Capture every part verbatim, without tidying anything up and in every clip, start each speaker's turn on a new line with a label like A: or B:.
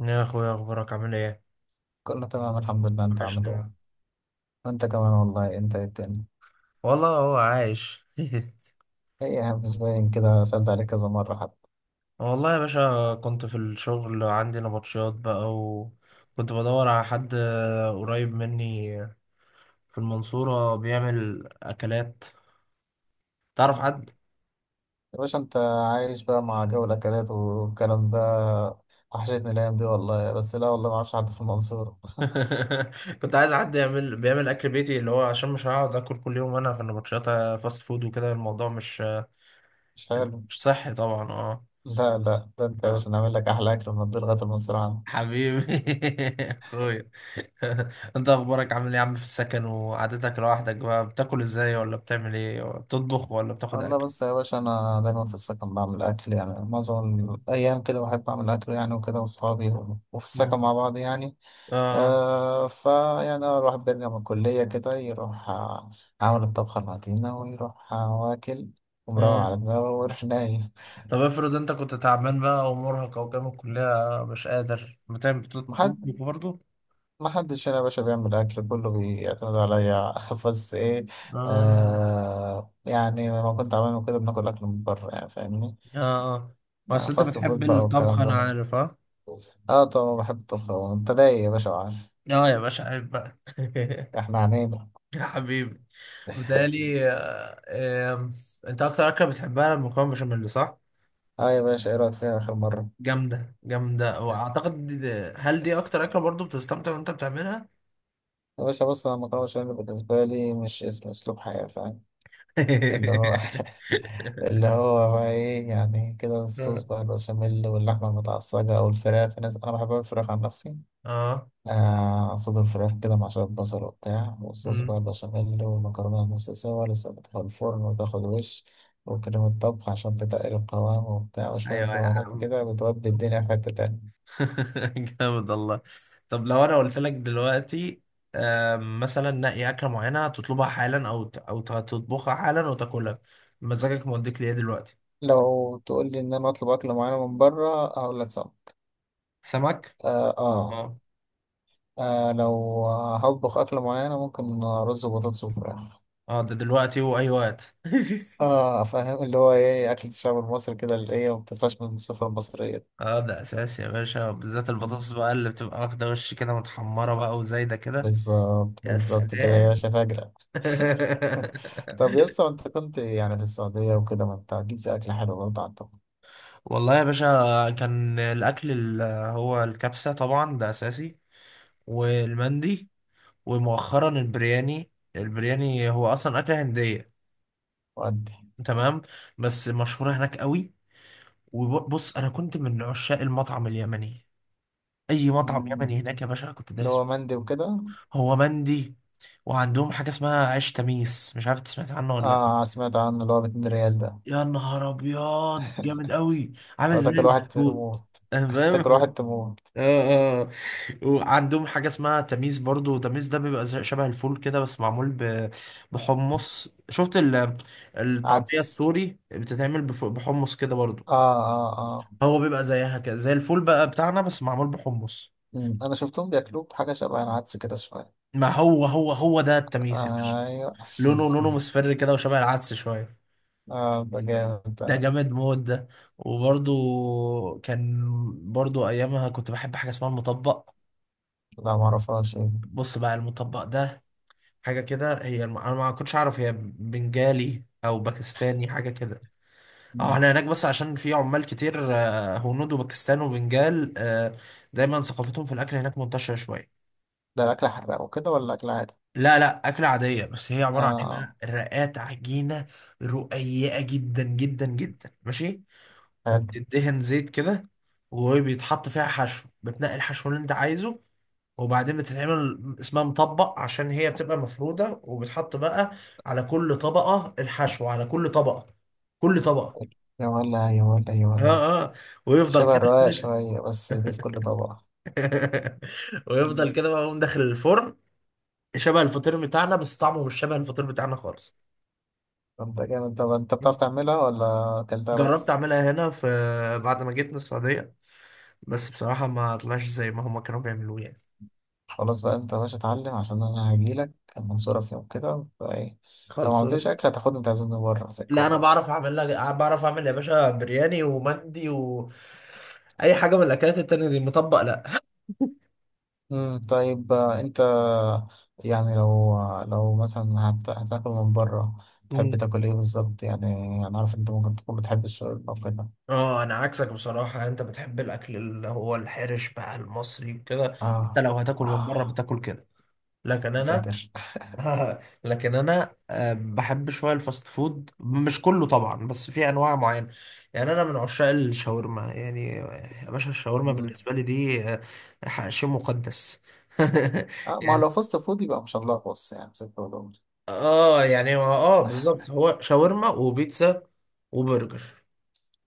A: يا اخويا، اخبارك عامل ايه؟
B: كله تمام الحمد لله، انت عامل
A: وحشنا.
B: ايه؟ وانت كمان والله. انت ايه التاني؟
A: والله هو عايش.
B: ايه يا عم مش باين كده، سألت عليك كذا مرة حتى.
A: والله يا باشا، كنت في الشغل عندي نبطشيات بقى، وكنت بدور على حد قريب مني في المنصورة بيعمل اكلات. تعرف
B: مم.
A: حد؟
B: يا باشا انت عايش بقى مع جو الاكلات والكلام ده، وحشتني الايام دي والله، بس لا والله ما اعرفش حد في المنصورة.
A: كنت عايز حد يعمل بيعمل اكل بيتي، اللي هو عشان مش هقعد اكل كل يوم انا في النبطشيات فاست فود وكده. الموضوع مش
B: مش حلو.
A: مش صحي طبعا.
B: لا لا ده انت يا
A: اه
B: باشا، نعمل لك احلى اكل من الدنيا لغاية المنصورة عندك.
A: حبيبي. اخويا. انت اخبارك عامل ايه يا عم؟ في السكن وقعدتك لوحدك بقى، بتاكل ازاي؟ ولا بتعمل ايه؟ ولا بتطبخ ولا بتاخد
B: والله
A: اكل؟
B: بس يا باشا انا دايما في السكن بعمل اكل يعني، معظم الايام كده بحب اعمل اكل يعني وكده، واصحابي وفي
A: مم.
B: السكن مع بعض يعني.
A: اه
B: آه فيعني أنا الواحد بيرجع من الكلية كده، يروح آه، عامل الطبخة المتينة، ويروح آه، واكل، ومروق
A: اه.
B: على دماغه ويروح نايم.
A: طب افرض انت كنت تعبان بقى ومرهق، او جامد الكلية مش قادر، بتعمل
B: محد
A: بتطبخ برضه؟
B: محدش هنا يا باشا بيعمل أكل، كله بيعتمد عليا. بس إيه،
A: آم،
B: آه يعني لما كنت عامل كده بناكل أكل من بره يعني، فاهمني؟
A: اه اه.
B: آه،
A: بس انت
B: فاست
A: بتحب
B: فود بقى
A: الطبخ،
B: والكلام
A: انا
B: ده.
A: عارف. اه
B: اه طبعا بحب الطبخ، وأنت دايق يا باشا وعارف.
A: اه يا باشا، عيب بقى.
B: احنا عنينا.
A: يا حبيبي، بتهيألي آه، آم، انت اكتر اكله بتحبها المكرونه بشاميل، صح؟
B: اه يا باشا، ايه رأيك فيها آخر مرة؟
A: جامدة جامدة. وأعتقد دي دي، هل دي أكتر أكلة برضو بتستمتع وأنت بتعملها؟
B: يا باشا بص، أنا المكرونة بشاميل بالنسبة لي مش اسم، أسلوب حياة، فاهم؟ اللي هو اللي هو بقى ايه يعني كده، الصوص
A: آه.
B: بقى البشاميل واللحمة المتعصجة أو الفراخ، في ناس، أنا بحب الفراخ عن نفسي.
A: آه.
B: آه، صدور الفراخ كده مع شوية بصل وبتاع، والصوص بقى
A: أمم.
B: البشاميل، والمكرونة نص سوا لسه، بتدخل الفرن وتاخد وش، وكريمة طبخ عشان تتقل القوام وبتاع، وشوية
A: أيوة يا
B: بهارات
A: عم.
B: كده بتودي الدنيا في حتة تانية.
A: جامد الله. طب لو أنا قلت لك دلوقتي، آم، مثلا نقي أكلة معينة تطلبها حالا، أو ت- أو ت- تطبخها حالا وتاكلها، مزاجك موديك ليه دلوقتي؟
B: لو تقول لي إن أنا أطلب أكل معين من بره، هقول لك صعب.
A: سمك.
B: آه, آه,
A: اه
B: آه لو هطبخ أكل معينة، ممكن رز وبطاطس وفراخ.
A: اه. ده دلوقتي وأي وقت.
B: اه فاهم، اللي هو ايه، اكل الشعب المصري كده، اللي ايه ما بتفرقش من السفرة المصرية.
A: اه ده أساسي يا باشا، بالذات
B: مم.
A: البطاطس بقى اللي بتبقى واخدة وش كده، متحمرة بقى وزايدة كده.
B: بالظبط
A: يا
B: بالظبط كده يا
A: سلام.
B: باشا، فاجرة. طب يا اسطى، انت كنت يعني في السعودية وكده، ما انت اكيد في اكل حلو برضه عندكم.
A: والله يا باشا، كان الأكل اللي هو الكبسة طبعا، ده أساسي، والمندي، ومؤخرا البرياني. البرياني هو أصلا أكلة هندية.
B: وأدي.
A: تمام. بس مشهورة هناك قوي. وبص، أنا كنت من عشاق المطعم اليمني. أي مطعم
B: مم.
A: يمني هناك يا باشا كنت
B: اللي
A: دايس فيه.
B: هو مندي وكده.
A: هو مندي. وعندهم حاجة اسمها عيش تميس، مش عارف أنت سمعت عنه ولا لأ.
B: اه سمعت عنه، اللي هو ب اتنين ريال ده.
A: يا نهار ابيض، جامد قوي. عامل
B: لو
A: زي
B: تاكل واحد
A: البسكوت.
B: تموت.
A: انا فاهم.
B: تاكل واحد تموت.
A: اه اه. وعندهم حاجه اسمها تميس برضو. تميس ده بيبقى زي- شبه الفول كده، بس معمول ب- بحمص. شفت ال- الطعميه
B: عدس.
A: السوري بتتعمل بف- بحمص كده برضو.
B: اه اه اه.
A: هو بيبقى زيها كده، زي الفول بقى بتاعنا، بس معمول بحمص.
B: مم. انا شفتهم بياكلوه بحاجة شبه العدس كده شوية.
A: ما هو هو هو ده التميس يا باشا.
B: ايوه.
A: لونه لونه مصفر كده، وشبه العدس شويه.
B: اه ده جامد.
A: ده جامد موت ده. وبرضو كان برضو ايامها كنت بحب حاجه اسمها المطبق.
B: لا معرفهاش، ايه دي؟
A: بص بقى، المطبق ده حاجه كده. هي الم... انا ما كنتش اعرف هي بنجالي او باكستاني، حاجه كده. اه
B: مم.
A: احنا هناك، بس عشان في عمال كتير، آه، هنود وباكستان وبنجال، آه، دايما ثقافتهم في الاكل هناك منتشره شويه.
B: ده الأكل حراق وكده ولا أكل عادي؟
A: لا لا، اكله عاديه. بس هي عباره عن ايه بقى؟
B: آه.
A: رقات عجينه رقيقه جدا جدا جدا، ماشي.
B: حلو.
A: وبتدهن زيت كده، وبيتحط فيها حشو. بتنقي الحشو اللي انت عايزه، وبعدين بتتعمل اسمها مطبق عشان هي بتبقى مفرودة. وبتحط بقى على كل طبقة الحشو، على كل طبقة، كل طبقة.
B: يا ولا يا ولا يا ولا.
A: اه اه، ويفضل
B: شبه
A: كده
B: الرقاق
A: كده.
B: شوية، بس دي في كل طبق. مم.
A: ويفضل كده بقى، يقوم داخل الفرن. شبه الفطير بتاعنا، بس طعمه مش شبه الفطير بتاعنا خالص.
B: طب ده جامد، طب أنت بتعرف تعملها ولا أكلتها
A: جربت
B: بس؟
A: اعملها هنا في، بعد ما جيت من السعودية. بس بصراحة ما طلعش زي ما هما كانوا بيعملوه يعني.
B: خلاص بقى أنت يا باشا اتعلم، عشان أنا هجيلك المنصورة في يوم كده، فإيه لو ما
A: خالص.
B: عملتش أكل هتاخدني تعزمني بره زي
A: لا انا
B: الكل.
A: بعرف اعمل لها، بعرف اعمل يا باشا برياني ومندي و اي حاجه من الاكلات التانية دي. مطبق لا.
B: مم، طيب آه، انت يعني لو آه، لو مثلا هت- هتاكل من بره، تحب
A: مم.
B: تاكل ايه بالظبط يعني؟ انا عارف انت ممكن تكون بتحب الشاورما وكده.
A: اه انا عكسك بصراحه. انت بتحب الاكل اللي هو الحرش بقى، المصري وكده. انت
B: اه
A: لو هتاكل من بره
B: اه
A: بتاكل كده. لكن
B: يا
A: انا.
B: ساتر.
A: لكن انا آه، بحب شويه الفاست فود، مش كله طبعا، بس في انواع معينه. يعني انا من عشاق الشاورما يعني. آه، يا باشا، الشاورما
B: مم.
A: بالنسبه لي دي آه، شيء مقدس.
B: آه ما هو
A: يعني
B: لو فاست فود يبقى مش هنلخبص يعني، ستة ودور.
A: اه، يعني هو اه بالظبط، هو شاورما وبيتزا وبرجر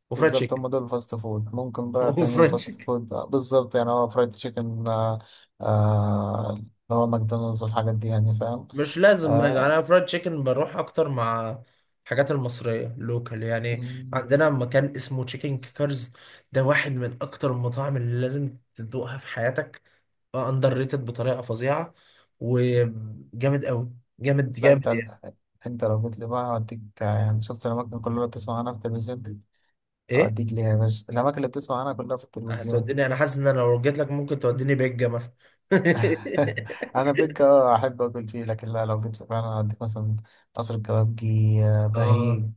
A: وفرايد
B: بالظبط،
A: تشيكن.
B: هم دول فاست فود. ممكن بقى تاني
A: وفرايد
B: فاست
A: تشيكن
B: فود آه، بالظبط يعني هو فرايد تشيكن آه. آه، اللي هو ماكدونالدز والحاجات دي يعني، فاهم؟
A: مش لازم.
B: آه.
A: انا فرايد تشيكن بروح اكتر مع الحاجات المصرية، لوكال يعني.
B: مم.
A: عندنا مكان اسمه تشيكن كيكرز. ده واحد من اكتر المطاعم اللي لازم تدوقها في حياتك. اندر ريتد بطريقة فظيعة، وجامد قوي. جامد
B: لا انت
A: جامد يعني.
B: انت لو جيت لي بقى هوديك يعني، شفت الاماكن كلها اللي بتسمع عنها في التلفزيون دي،
A: ايه،
B: هوديك ليها يا باشا، الاماكن اللي بتسمع عنها كلها في التلفزيون دي.
A: هتوديني؟ انا حاسس ان انا لو جيت لك ممكن توديني بيجا مثلا.
B: انا بيك اه احب اكل فيه، لكن لا لو جيت لي فعلا هوديك مثلا قصر الكبابجي، آه،
A: اه.
B: بهيج،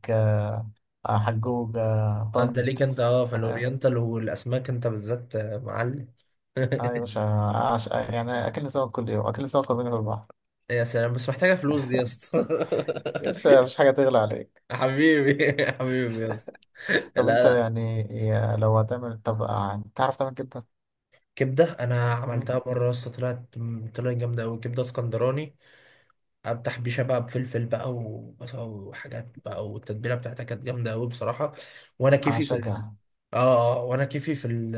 B: آه، حجوج، آه،
A: آه، انت ليك،
B: طنط،
A: انت اه في
B: فاهم؟
A: الاورينتال والاسماك، انت بالذات آه، معلم.
B: اه يا باشا، عش... يعني اكلنا سمك كل يوم، اكلنا سمك كل يوم في البحر.
A: يا سلام، بس محتاجه فلوس دي يا اسطى.
B: يا باشا مفيش حاجه تغلى عليك.
A: حبيبي. حبيبي يا اسطى. لا
B: طب انت
A: لا.
B: يعني يا- لو هتعمل، طب آه، تعرف تعمل كبده؟
A: كبده انا عملتها
B: مم.
A: مره يا اسطى، طلعت طلعت جامده قوي. كبده اسكندراني، افتح بيشه بقى بفلفل بقى وبصل وحاجات بقى، والتتبيله بتاعتها كانت جامده قوي بصراحه. وانا كيفي في ال...
B: اعشقها.
A: اه اه. وانا كيفي في ال...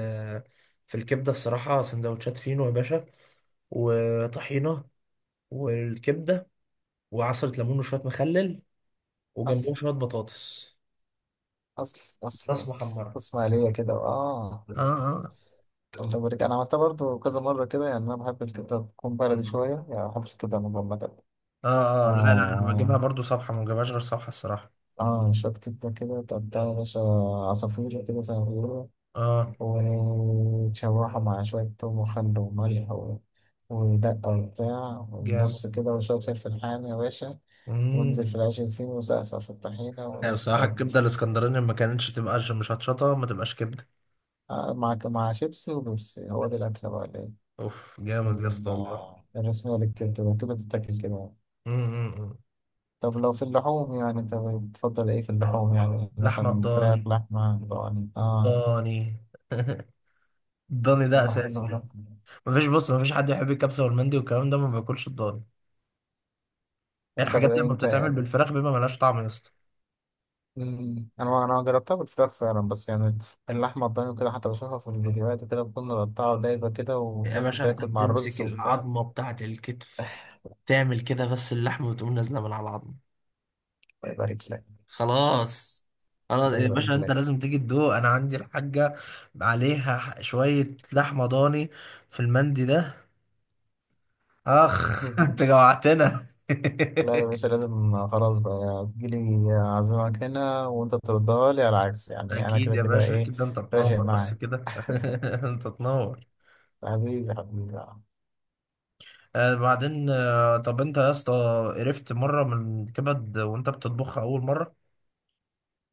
A: في الكبده الصراحه، سندوتشات فينو يا باشا، وطحينه، والكبده، وعصرة ليمون، وشوية مخلل،
B: اصلا
A: وجنبهم شوية بطاطس،
B: اصل اصل
A: بطاطس
B: اصل
A: محمرة.
B: اسماعيليه كده اه.
A: اه اه.
B: كبده بريك انا عملتها برضو كذا مره كده يعني، انا بحب الكبده تكون
A: م-
B: بلدي
A: م.
B: شويه يعني، ما بحبش الكبده المجمده.
A: اه اه، لا لا، انا بجيبها
B: اه
A: برضو صبحة، ما بجيبهاش غير صبحة الصراحة.
B: اه شويه كبده كده تقطعها يا باشا، عصافير كده زي ما بيقولوا،
A: اه
B: وتشوحها مع شويه توم وخل وملح و... ودقه وبتاع
A: جامد.
B: والنص كده، وشويه فلفل حامي يا باشا، وانزل
A: امم.
B: في العيش الفين وسقسق في
A: ايوه
B: الطحينه
A: الصراحة،
B: وودي.
A: الكبدة الاسكندراني ما كانتش تبقى ش- مش هتشطة، ما تبقاش كبدة.
B: آه، مع مع شيبسي وبيبسي، هو ده الاكله بقى.
A: اوف جامد يا اسطى، والله.
B: ال- الرسم ولا الكبدة ده كده بتتاكل كده.
A: امم.
B: طب لو في اللحوم يعني، انت بتفضل ايه في اللحوم يعني؟
A: لحمة
B: مثلا فراخ،
A: الضاني.
B: لحمة ضاني، اه.
A: الضاني. الضاني
B: طب
A: ده
B: ما حلو
A: اساسي.
B: ده.
A: مفيش. بص، مفيش حد يحب الكبسة والمندي والكلام ده ما باكلش الضاني. ايه،
B: انت ب...
A: الحاجات دي لما
B: انت
A: بتتعمل
B: يعني.
A: بالفراخ بيبقى ملهاش طعم يا اسطى.
B: مم. انا انا جربتها بالفراخ فعلا، بس يعني اللحمة الضاني وكده، حتى بشوفها في الفيديوهات وكده بكون مقطعة دايبة كده،
A: يا
B: والناس
A: باشا، انت
B: بتاكل مع
A: بتمسك
B: الرز وبتاع.
A: العظمة بتاعة الكتف، تعمل كده بس، اللحمة بتقوم نازلة من على العظمة.
B: الله يبارك لك.
A: خلاص. خلاص
B: الله
A: يا باشا،
B: يبارك
A: انت
B: لك.
A: لازم تيجي تدوق. انا عندي الحاجة عليها، ح- شوية لحمة ضاني في المندي ده. اخ. انت جوعتنا.
B: لا يا باشا لازم خلاص بقى، تجيلي أعزمك هنا وأنت تردها لي، على العكس يعني أنا
A: اكيد
B: كده
A: يا
B: كده
A: باشا،
B: إيه،
A: اكيد، ده انت
B: راشق
A: تنور بس
B: معاك.
A: كده. انت تنور.
B: حبيبي حبيبي.
A: آه بعدين، آه طب انت يا اسطى، قرفت مرة من كبد وانت بتطبخها اول مرة؟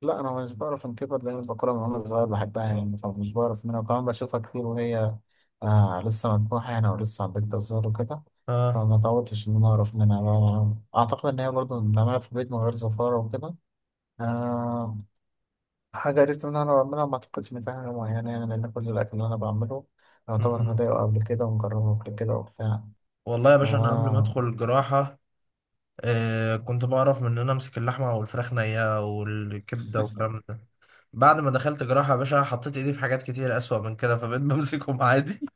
B: لا أنا مش بعرف أنكبر، لأن البقرة من وأنا صغير بحبها يعني، فمش بعرف منها، وكمان بشوفها كتير وهي آه لسه مذبوحة يعني، ولسه عندك الزهر وكده، فما اتعودتش إن أنا أعرف منها بقى. أعتقد إن هي برضه بنعملها في البيت من غير زفارة وكده. آه. حاجة عرفت إن أنا بعملها، ما أعتقدش إن في حاجة معينة يعني، لأن كل الأكل اللي أنا بعمله يعتبر أنا
A: اه
B: دايقه قبل كده ومجربه قبل كده وبتاع.
A: والله يا
B: ف،
A: باشا، انا قبل ما ادخل الجراحة، آه كنت بعرف من ان انا امسك اللحمة والفراخ نية والكبدة والكلام ده. بعد ما دخلت جراحة يا باشا، حطيت ايدي في حاجات كتير اسوأ من كده، فبقيت بمسكهم عادي.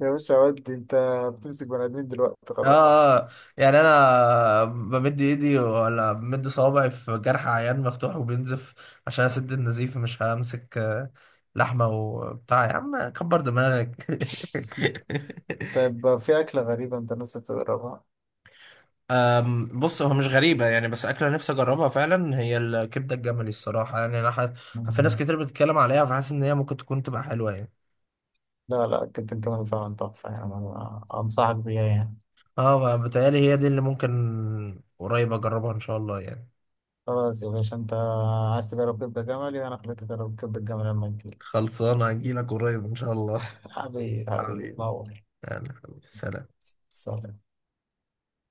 B: يا باشا ودي أنت بتمسك بني آدمين دلوقتي
A: اه.
B: خلاص.
A: آه، يعني انا بمد ايدي ولا بمد صوابعي في جرح عيان مفتوح وبينزف عشان اسد النزيف، مش همسك آه، لحمة وبتاع. يا عم كبر دماغك.
B: طيب في أكلة غريبة أنت نفسك تجربها؟
A: أم، بص، هو مش غريبة يعني، بس أكلة نفسي أجربها فعلا، هي الكبدة الجملي الصراحة. يعني أنا ح... في ناس
B: مم.
A: كتير بتتكلم عليها، فحاسس إن هي ممكن تكون تبقى حلوة يعني.
B: لا لا، أكلت الجمل فعلا تحفة يعني، أنا أنصحك بيها يعني.
A: أه بتهيألي هي دي اللي ممكن قريب أجربها إن شاء الله يعني.
B: خلاص يا باشا أنت عايز تجرب كبدة جملي، وأنا خليتك تجرب كبدة جمل لما تجيلي.
A: خلصانة، أجيلك قريب إن شاء الله.
B: حبيبي حبيبي
A: حبيبي،
B: تنور.
A: يعني حبيبي، سلام.
B: سلام.